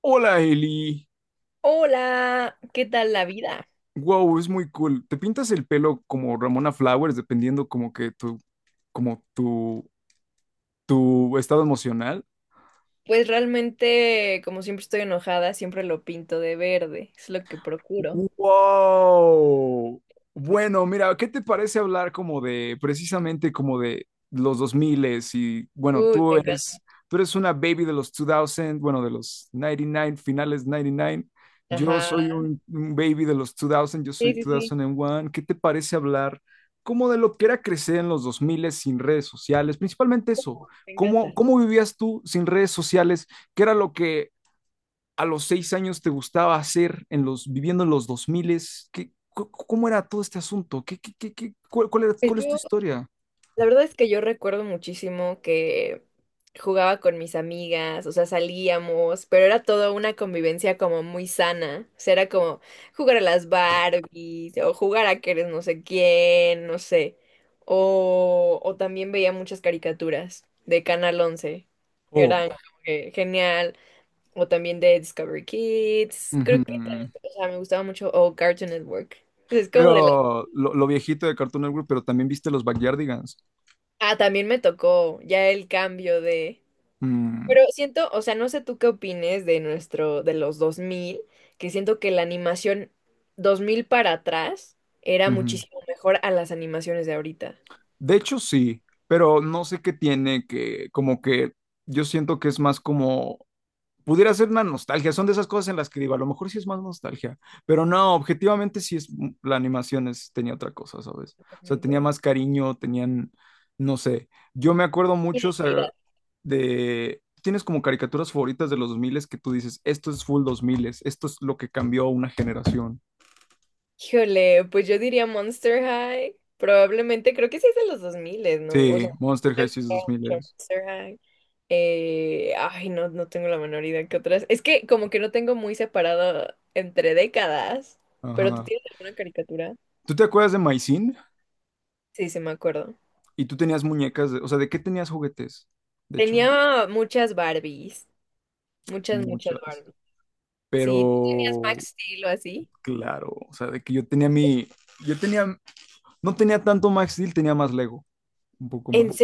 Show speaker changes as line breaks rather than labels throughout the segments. Hola Eli,
Hola, ¿qué tal la vida?
wow, es muy cool. Te pintas el pelo como Ramona Flowers, dependiendo como que como tu, tu estado emocional.
Pues realmente, como siempre estoy enojada, siempre lo pinto de verde, es lo que procuro.
Wow. Bueno, mira, ¿qué te parece hablar como de precisamente como de los 2000? Y bueno,
Uy,
tú
me encanta.
eres tú eres una baby de los 2000, bueno, de los 99, finales 99. Yo
Ajá.
soy un baby de los 2000, yo soy
Sí, sí, sí.
2001. ¿Qué te parece hablar como de lo que era crecer en los 2000 sin redes sociales? Principalmente eso.
Me
¿Cómo
encanta.
cómo vivías tú sin redes sociales? ¿Qué era lo que a los 6 años te gustaba hacer en los, viviendo en los dos miles? ¿Qué, ¿Cómo era todo este asunto?
Pues
¿Cuál es tu
yo
historia?
la verdad es que yo recuerdo muchísimo que jugaba con mis amigas, o sea, salíamos, pero era toda una convivencia como muy sana. O sea, era como jugar a las Barbies o jugar a que eres no sé quién, no sé. O también veía muchas caricaturas de Canal once.
Oh.
Eran como que genial. O también de Discovery Kids. Creo
Ujú.
que también, o sea, me gustaba mucho. O Cartoon Network. Es como de la...
Pero lo viejito de Cartoon Network, pero también viste los Backyardigans.
Ah, también me tocó ya el cambio de...
Mm.
Pero siento, o sea, no sé tú qué opines de nuestro, de los 2000, que siento que la animación 2000 para atrás era
Ujú.
muchísimo mejor a las animaciones de ahorita.
De hecho, sí, pero no sé qué tiene, que como que yo siento que es más como pudiera ser una nostalgia. Son de esas cosas en las que digo, a lo mejor sí es más nostalgia, pero no, objetivamente sí la animación es, tenía otra cosa, ¿sabes? O sea, tenía
Totalmente.
más cariño, tenían, no sé, yo me acuerdo mucho, o sea,
Identidad.
tienes como caricaturas favoritas de los 2000 que tú dices, esto es full 2000, esto es lo que cambió una generación.
Híjole, pues yo diría Monster High. Probablemente, creo que sí es de los 2000, ¿no? O
Sí,
sea,
Monster
me
High
gustaba
2000.
mucho Monster High. Ay, no, no tengo la menor idea que otras. Es que como que no tengo muy separado entre décadas, pero tú
Ajá.
tienes alguna caricatura.
¿Tú te acuerdas de Maisin?
Sí, sí, me acuerdo.
Y tú tenías muñecas, o sea, ¿de qué tenías juguetes? De hecho,
Tenía muchas Barbies, muchas, muchas
muchas.
Barbies. Sí, ¿tú tenías
Pero
Max Steel o así?
claro, o sea, de que yo tenía mi, yo tenía, no tenía tanto Max Steel, tenía más Lego, un poco
¿En
más.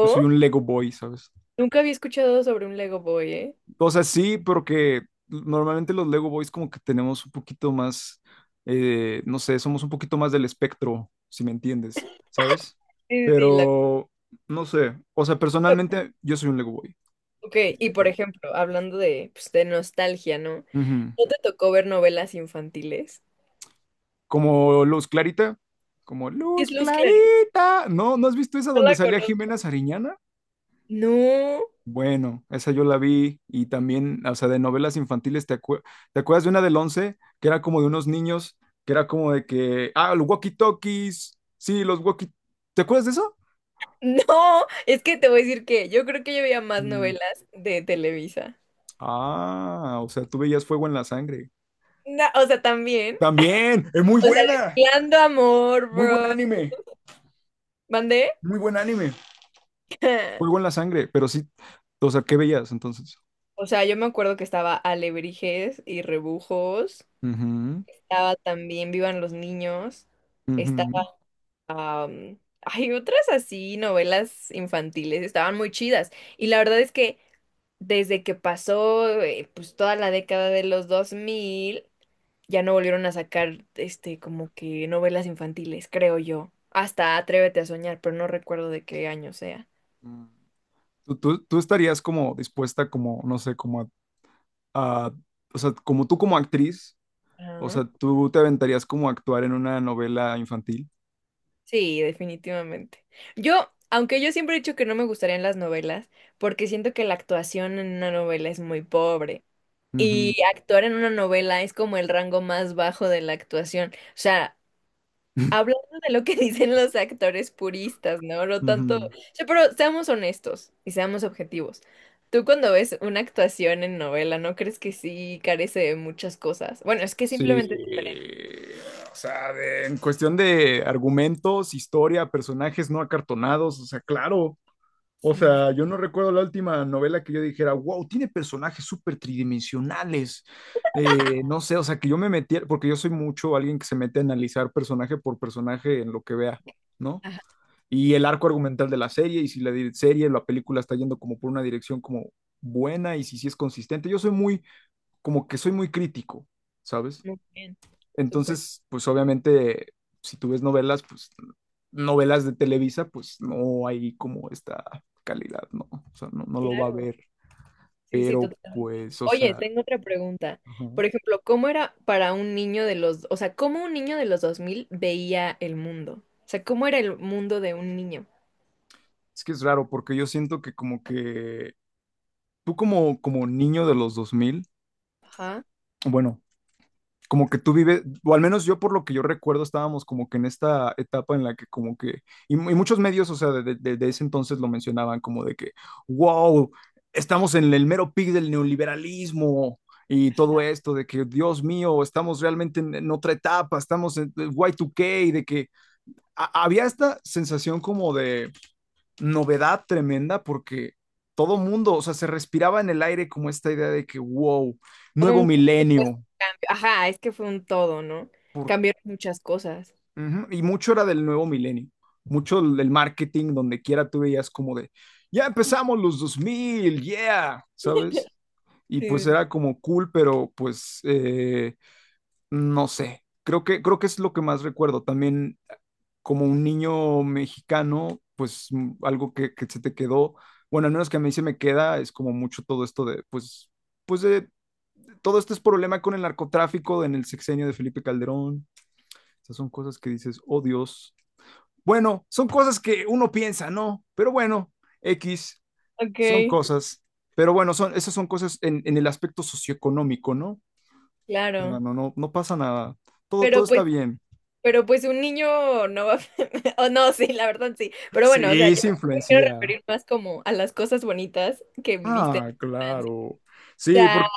Yo soy un Lego Boy, ¿sabes?
Nunca había escuchado sobre un Lego Boy, ¿eh?
O sea, sí, pero que normalmente los Lego Boys como que tenemos un poquito más, no sé, somos un poquito más del espectro, si me entiendes, ¿sabes?
Sí, sí, la...
Pero, no sé, o sea, personalmente yo soy un Lego Boy.
Ok, y por
Pero-
ejemplo, hablando de, pues, de nostalgia, ¿no?
Ujú.
¿No te tocó ver novelas infantiles?
Como Luz Clarita, como Luz
Es Luz Clarita,
Clarita. ¿No? ¿No has visto esa
no
donde
la
salía
conozco.
Jimena Sariñana?
No,
Bueno, esa yo la vi. Y también, o sea, de novelas infantiles, ¿te acuerdas de una del 11 que era como de unos niños, que era como de que, ah, los walkie-talkies, sí, los walkie, te acuerdas de eso?
no, es que te voy a decir que yo creo que yo veía más
Mm.
novelas de Televisa.
Ah, o sea, tú veías fuego en la sangre.
No, o sea, también,
También, es muy
o sea,
buena,
Destilando Amor,
muy buen
bro.
anime,
¿Mandé?
muy buen anime, fuego en la sangre, pero sí, o sea, ¿qué veías entonces?
O sea, yo me acuerdo que estaba Alebrijes y Rebujos,
Ujú,
estaba también Vivan los Niños, estaba...
ujú.
hay otras así, novelas infantiles, estaban muy chidas. Y la verdad es que desde que pasó pues toda la década de los 2000, ya no volvieron a sacar este como que novelas infantiles, creo yo. Hasta Atrévete a soñar, pero no recuerdo de qué año sea.
Mm. ¿Tú estarías como dispuesta, como, no sé, como a o sea, como tú como actriz? O sea, ¿tú te aventarías como a actuar en una novela infantil?
Sí, definitivamente. Aunque yo siempre he dicho que no me gustarían las novelas, porque siento que la actuación en una novela es muy pobre.
Ujú,
Y actuar en una novela es como el rango más bajo de la actuación. O sea, hablando de lo que dicen los actores puristas, ¿no? No tanto. O
ujú.
sea, pero seamos honestos y seamos objetivos. Tú cuando ves una actuación en novela, ¿no crees que sí carece de muchas cosas? Bueno, es que
Sí,
simplemente es diferente.
o sea, en cuestión de argumentos, historia, personajes no acartonados, o sea, claro. O
Sí.
sea, yo no recuerdo la última novela que yo dijera, wow, tiene personajes súper tridimensionales. No sé, o sea, que yo me metiera, porque yo soy mucho alguien que se mete a analizar personaje por personaje en lo que vea, ¿no?
Ajá,
Y el arco argumental de la serie, y si la película está yendo como por una dirección como buena, y si sí es consistente. Como que soy muy crítico, ¿sabes?
muy bien. Súper.
Entonces, pues obviamente, si tú ves novelas, pues novelas de Televisa, pues no hay como esta calidad, ¿no? O sea, no, no lo va a
Claro.
ver,
Sí, sí,
pero
totalmente.
pues, o
Oye,
sea,
tengo otra pregunta.
ajá.
Por ejemplo, ¿cómo era para un niño de los, o sea, cómo un niño de los 2000 veía el mundo? O sea, ¿cómo era el mundo de un niño?
Es que es raro porque yo siento que como que como niño de los dos mil,
Ajá.
bueno, como que tú vives, o al menos yo por lo que yo recuerdo, estábamos como que en esta etapa en la que como que, y muchos medios, o sea, de ese entonces lo mencionaban como de que, wow, estamos en el mero pic del neoliberalismo y todo esto, de que, Dios mío, estamos realmente en otra etapa, estamos en Y2K, de que había esta sensación como de novedad tremenda porque todo mundo, o sea, se respiraba en el aire como esta idea de que, wow,
Como
nuevo
un supuesto
milenio.
cambio. Ajá, es que fue un todo, ¿no? Cambiaron muchas cosas.
Ujú. Y mucho era del nuevo milenio, mucho del marketing, donde quiera tú veías como de, ya empezamos los dos mil, yeah, ¿sabes? Y pues
Sí, sí, sí.
era como cool, pero pues, no sé, creo que es lo que más recuerdo. También, como un niño mexicano, pues, algo que se te quedó, bueno, al menos que a mí se me queda, es como mucho todo esto de, pues, de todo este es problema con el narcotráfico en el sexenio de Felipe Calderón. Esas son cosas que dices, oh Dios. Bueno, son cosas que uno piensa, ¿no? Pero bueno, X,
Ok,
son cosas. Pero bueno, esas son cosas en el aspecto socioeconómico, ¿no? O sea,
claro.
no, no, no pasa nada. Todo, todo
Pero
está
pues,
bien.
pero pues un niño no va a... O no, sí, la verdad sí. Pero bueno, o sea,
Sí,
yo
se
me quiero
influencia.
referir más como a las cosas bonitas que viviste
Ah,
en la infancia.
claro. Sí, porque...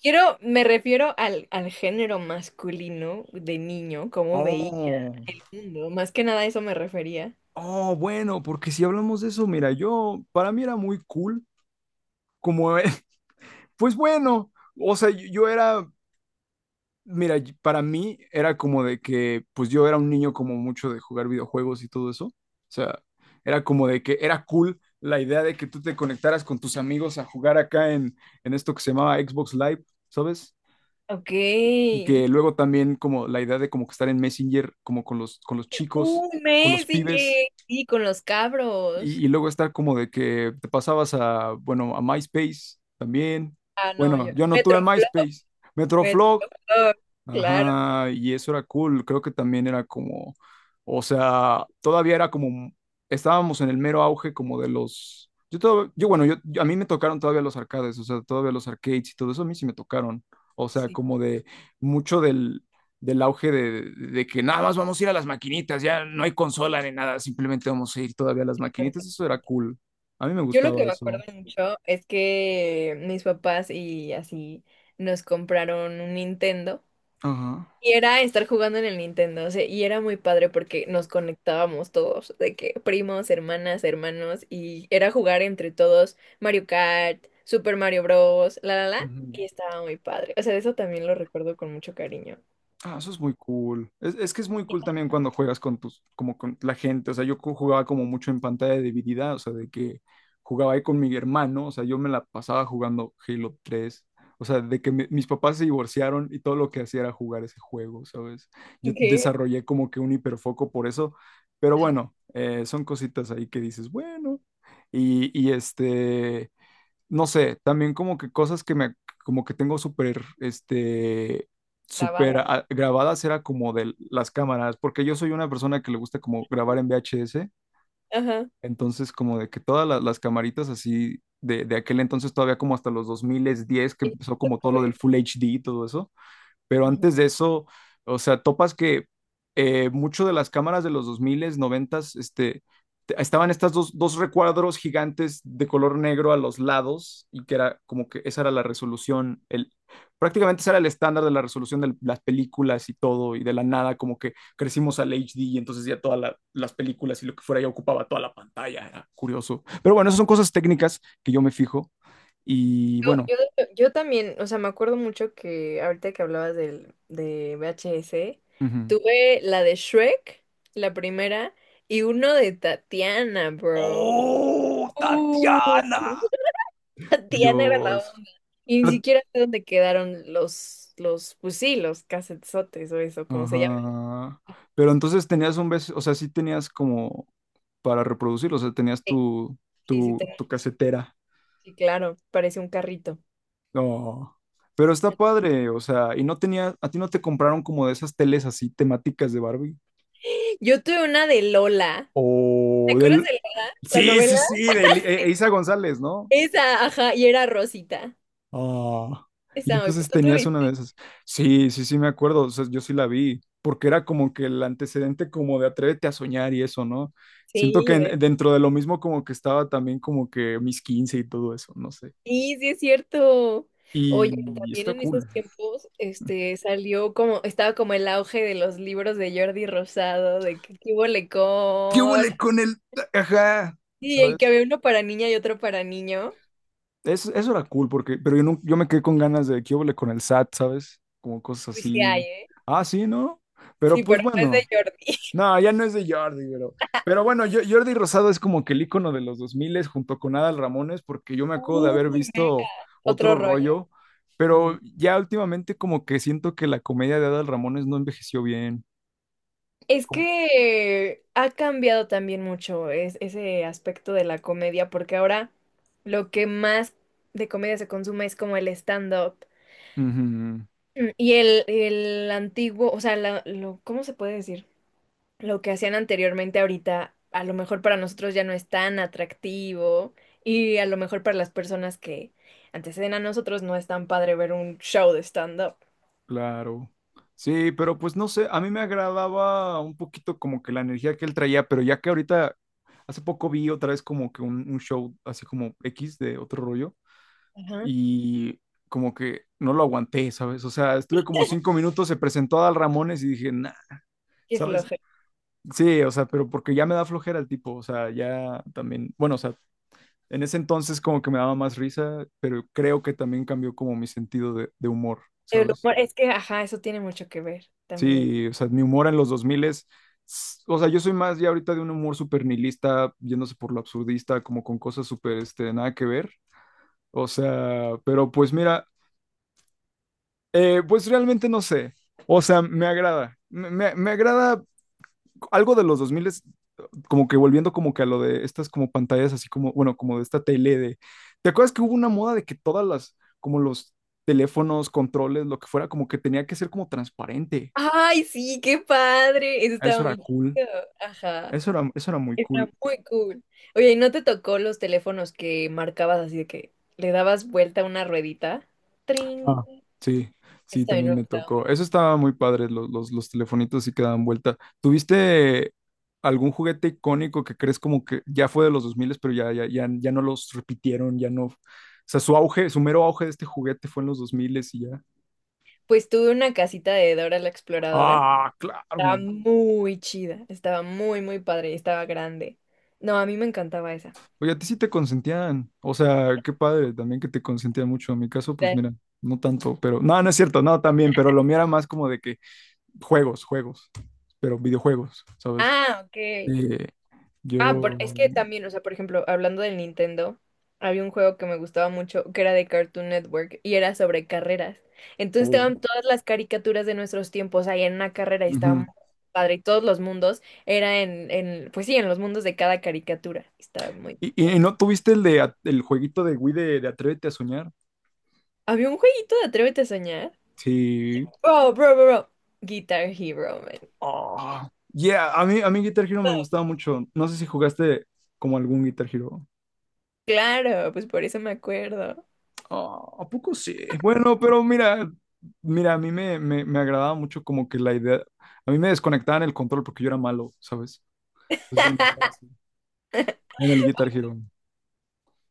Quiero, me refiero al, al género masculino de niño, cómo veía
Oh,
el mundo. Más que nada a eso me refería.
oh, bueno, porque si hablamos de eso, mira, yo, para mí era muy cool, como, pues bueno, o sea, yo era... Mira, para mí era como de que, pues yo era un niño como mucho de jugar videojuegos y todo eso. O sea, era como de que era cool la idea de que tú te conectaras con tus amigos a jugar acá, en esto que se llamaba Xbox Live, ¿sabes?
Ok.
Y que luego también, como la idea de como que estar en Messenger, como con los, chicos,
Un
con los
mes y
pibes.
sí, con los
y,
cabros.
y luego estar como de que te pasabas a, bueno, a MySpace también.
Ah, no,
Bueno,
yo.
yo no tuve
Metroflog,
MySpace. Metroflog.
Metroflog, claro,
Ajá, y eso era cool, creo que también era como, o sea, todavía era como, estábamos en el mero auge como de los, yo todo, yo bueno, yo- a mí me tocaron todavía los arcades, o sea, todavía los arcades y todo eso a mí sí me tocaron, o sea,
sí.
como de mucho del auge de que nada más vamos a ir a las maquinitas, ya no hay consola ni nada, simplemente vamos a ir todavía a las maquinitas, eso era cool, a mí me
Yo lo que
gustaba
me acuerdo
eso.
mucho es que mis papás y así nos compraron un Nintendo.
Ajá.
Y era estar jugando en el Nintendo, o sea, y era muy padre porque nos conectábamos todos, de que primos, hermanas, hermanos, y era jugar entre todos Mario Kart, Super Mario Bros, la la la, y estaba muy padre. O sea, eso también lo recuerdo con mucho cariño.
Ah, eso es muy cool. Es que es muy cool también cuando juegas con tus, como con la gente. O sea, jugaba como mucho en pantalla dividida, o sea, de que jugaba ahí con mi hermano, o sea, yo me la pasaba jugando Halo 3. O sea, de que mis papás se divorciaron y todo lo que hacía era jugar ese juego, ¿sabes? Yo
¿Qué?
desarrollé como que un hiperfoco por eso, pero
Ajá,
bueno, son cositas ahí que dices, bueno. Y este, no sé, también como que cosas que me, como que tengo súper, este, súper
grabada.
grabadas, era como de las cámaras, porque yo soy una persona que le gusta como grabar en VHS.
Ajá.
Entonces, como de que todas las camaritas así de, aquel entonces, todavía como hasta los 2010 que empezó como todo lo del Full HD y todo eso, pero
Y-
antes de eso, o sea, topas que, mucho de las cámaras de los dos mil 90, estaban estas dos recuadros gigantes de color negro a los lados, y que era como que esa era la resolución, prácticamente ese era el estándar de la resolución de las películas y todo, y de la nada como que crecimos al HD, y entonces ya todas las películas y lo que fuera ya ocupaba toda la pantalla. Era curioso. Pero bueno, esas son cosas técnicas que yo me fijo, y bueno.
De hecho- yo también, o sea, me acuerdo mucho que ahorita que hablabas del, de VHS,
Ujú.
tuve la de Shrek, la primera, y uno de Tatiana, bro.
¡Oh,
Uh.
Tatiana!
Tatiana era
Dios.
la onda. Y ni
Pero-
siquiera sé dónde quedaron los, pues sí, los casetzotes o eso, como se llama.
Ajá. Pero entonces tenías un beso, o sea, sí tenías como para reproducir, o sea, tenías
Sí,
tu,
sí, sí,
tu,
tengo-
tu casetera.
sí, claro, parece un carrito.
No. Pero está padre, o sea, y no tenía, a ti no te compraron como de esas teles así temáticas de Barbie.
Yo tuve una de Lola. ¿Te
O
acuerdas
del...
de Lola? La
Sí,
novela.
sí, sí, de Eiza González, ¿no?
Esa, ajá, y era Rosita.
Ah, y
Esa,
entonces
¿tú
tenías una
tuviste?
de esas. Sí, sí, sí, me acuerdo. O sea, yo sí la vi, porque era como que el antecedente como de Atrévete a soñar y eso, ¿no? Siento que
Sí, ve-
dentro de lo mismo, como que estaba también como que mis 15 y todo eso, no sé.
sí, sí es cierto. Oye,
Y
también
está
en esos
cool.
tiempos, este, salió como, estaba como el auge de los libros de Jordi Rosado, de que qué
¿Qué
bolecón.
huele con el... Ajá,
Sí, el que
¿sabes?
había uno para niña y otro para niño.
Eso era cool, porque, pero yo, no, yo me quedé con ganas de qué huele con el SAT, ¿sabes? Como cosas
Pues sí hay,
así.
¿eh?
Ah, sí, ¿no? Pero
Sí,
pues
pero no es de
bueno.
Jordi.
No, ya no es de Jordi, pero, bueno, Jordi Rosado es como que el icono de los 2000 junto con Adal Ramones, porque yo me acuerdo de
Uy,
haber
me-
visto
Otro
otro
rollo.
rollo,
Sí.
pero ya últimamente como que siento que la comedia de Adal Ramones no envejeció bien.
Es
Como-
que ha cambiado también mucho es- ese aspecto de la comedia, porque ahora lo que más de comedia se consume es como el stand-up.
Ujú,
Mm, y el antiguo, o sea, la- lo, ¿cómo se puede decir? Lo que hacían anteriormente ahorita, a lo mejor para nosotros ya no es tan atractivo y a lo mejor para las personas que anteceden a nosotros no es tan padre ver un show de stand-up.
claro. Sí, pero pues no sé, a mí me agradaba un poquito como que la energía que él traía, pero ya que ahorita, hace poco vi otra vez como que un show así como X de otro rollo.
Ajá.
Y como que no lo aguanté, ¿sabes? O sea, estuve como 5 minutos, se presentó a Dal Ramones y dije, nah,
Qué
¿sabes?
flojera.
Sí, o sea, pero porque ya me da flojera el tipo, o sea, ya también, bueno, o sea, en ese entonces como que me daba más risa, pero creo que también cambió como mi sentido de humor,
El
¿sabes?
humor, es que, ajá, eso tiene mucho que ver también.
Sí, o sea, mi humor en los 2000 es, o sea, yo soy más ya ahorita de un humor súper nihilista, yéndose por lo absurdista, como con cosas súper, este, nada que ver. O sea, pero pues mira, pues realmente no sé. O sea, me agrada. Me agrada algo de los 2000, como que volviendo como que a lo de estas como pantallas, así como, bueno, como de esta tele de... ¿Te acuerdas que hubo una moda de que todas las, como los teléfonos, controles, lo que fuera, como que tenía que ser como transparente?
Ay, sí, qué padre. Eso
Eso
estaba
era
muy
cool.
chido. Ajá.
Eso era muy
Está
cool.
muy cool. Oye, ¿y no te tocó los teléfonos que marcabas así de que le dabas vuelta a una ruedita? Trin.
Ah, sí,
Eso
sí,
también
también
me
me
gustaba
tocó.
mucho.
Eso estaba muy padre, los telefonitos sí que daban vuelta. ¿Tuviste algún juguete icónico que crees como que ya fue de los 2000, pero ya no los repitieron, ya no? O sea, su mero auge de este juguete fue en los 2000, y ya.
Pues tuve una casita de Dora la Exploradora.
Ah,
Estaba
claro.
muy chida. Estaba muy, muy padre. Estaba grande. No, a mí me encantaba esa.
Oye, a ti sí te consentían. O sea, qué padre también que te consentían mucho. En mi caso, pues
Era-
mira, no tanto, pero... No, no es cierto, no, también, pero lo mío era más como de que juegos, juegos, pero videojuegos, ¿sabes?
Ah, ok.
Eh,
Ah, por-
yo...
es que también, o sea, por ejemplo, hablando del Nintendo, había un juego que me gustaba mucho que era de Cartoon Network y era sobre carreras. Entonces
Oh,
estaban todas las caricaturas de nuestros tiempos ahí en una carrera y estaba
ujú.
muy padre. Y todos los mundos era en, pues sí, en los mundos de cada caricatura. Estaba muy.
¿Y no tuviste el jueguito de Wii de Atrévete a soñar?
Había un jueguito de Atrévete a soñar.
Sí.
Bro, bro, bro, bro. Guitar Hero, man.
Ah, yeah, a mí Guitar Hero me gustaba mucho. No sé si jugaste como algún Guitar Hero.
Claro, pues por eso me acuerdo.
Ah, ¿a poco sí? Bueno, pero mira, mira, a mí me agradaba mucho como que la idea. A mí me desconectaban el control porque yo era malo, ¿sabes? Entonces yo no estaba así. En el Guitar Hero.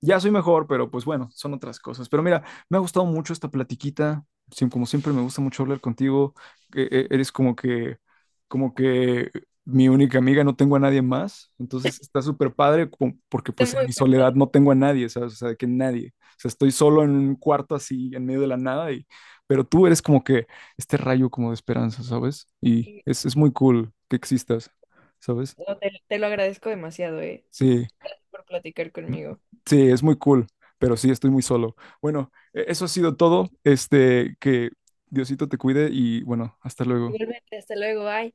Ya soy mejor, pero pues bueno, son otras cosas. Pero mira, me ha gustado mucho esta platiquita. Como siempre, me gusta mucho hablar contigo. Eres como que, mi única amiga, no tengo a nadie más. Entonces está súper padre porque
Está
pues en
muy,
mi
muy
soledad
padre.
no tengo a nadie, ¿sabes? O sea, de que nadie. O sea, estoy solo en un cuarto así, en medio de la nada. Pero tú eres como que este rayo como de esperanza, ¿sabes? Y
Sí,
es
sí.
muy cool que existas, ¿sabes?
No, te lo agradezco demasiado, eh.
Sí.
Gracias por platicar conmigo.
Sí, es muy cool, pero sí, estoy muy solo. Bueno, eso ha sido todo. Que Diosito te cuide y bueno, hasta luego.
Igualmente, hasta luego, bye.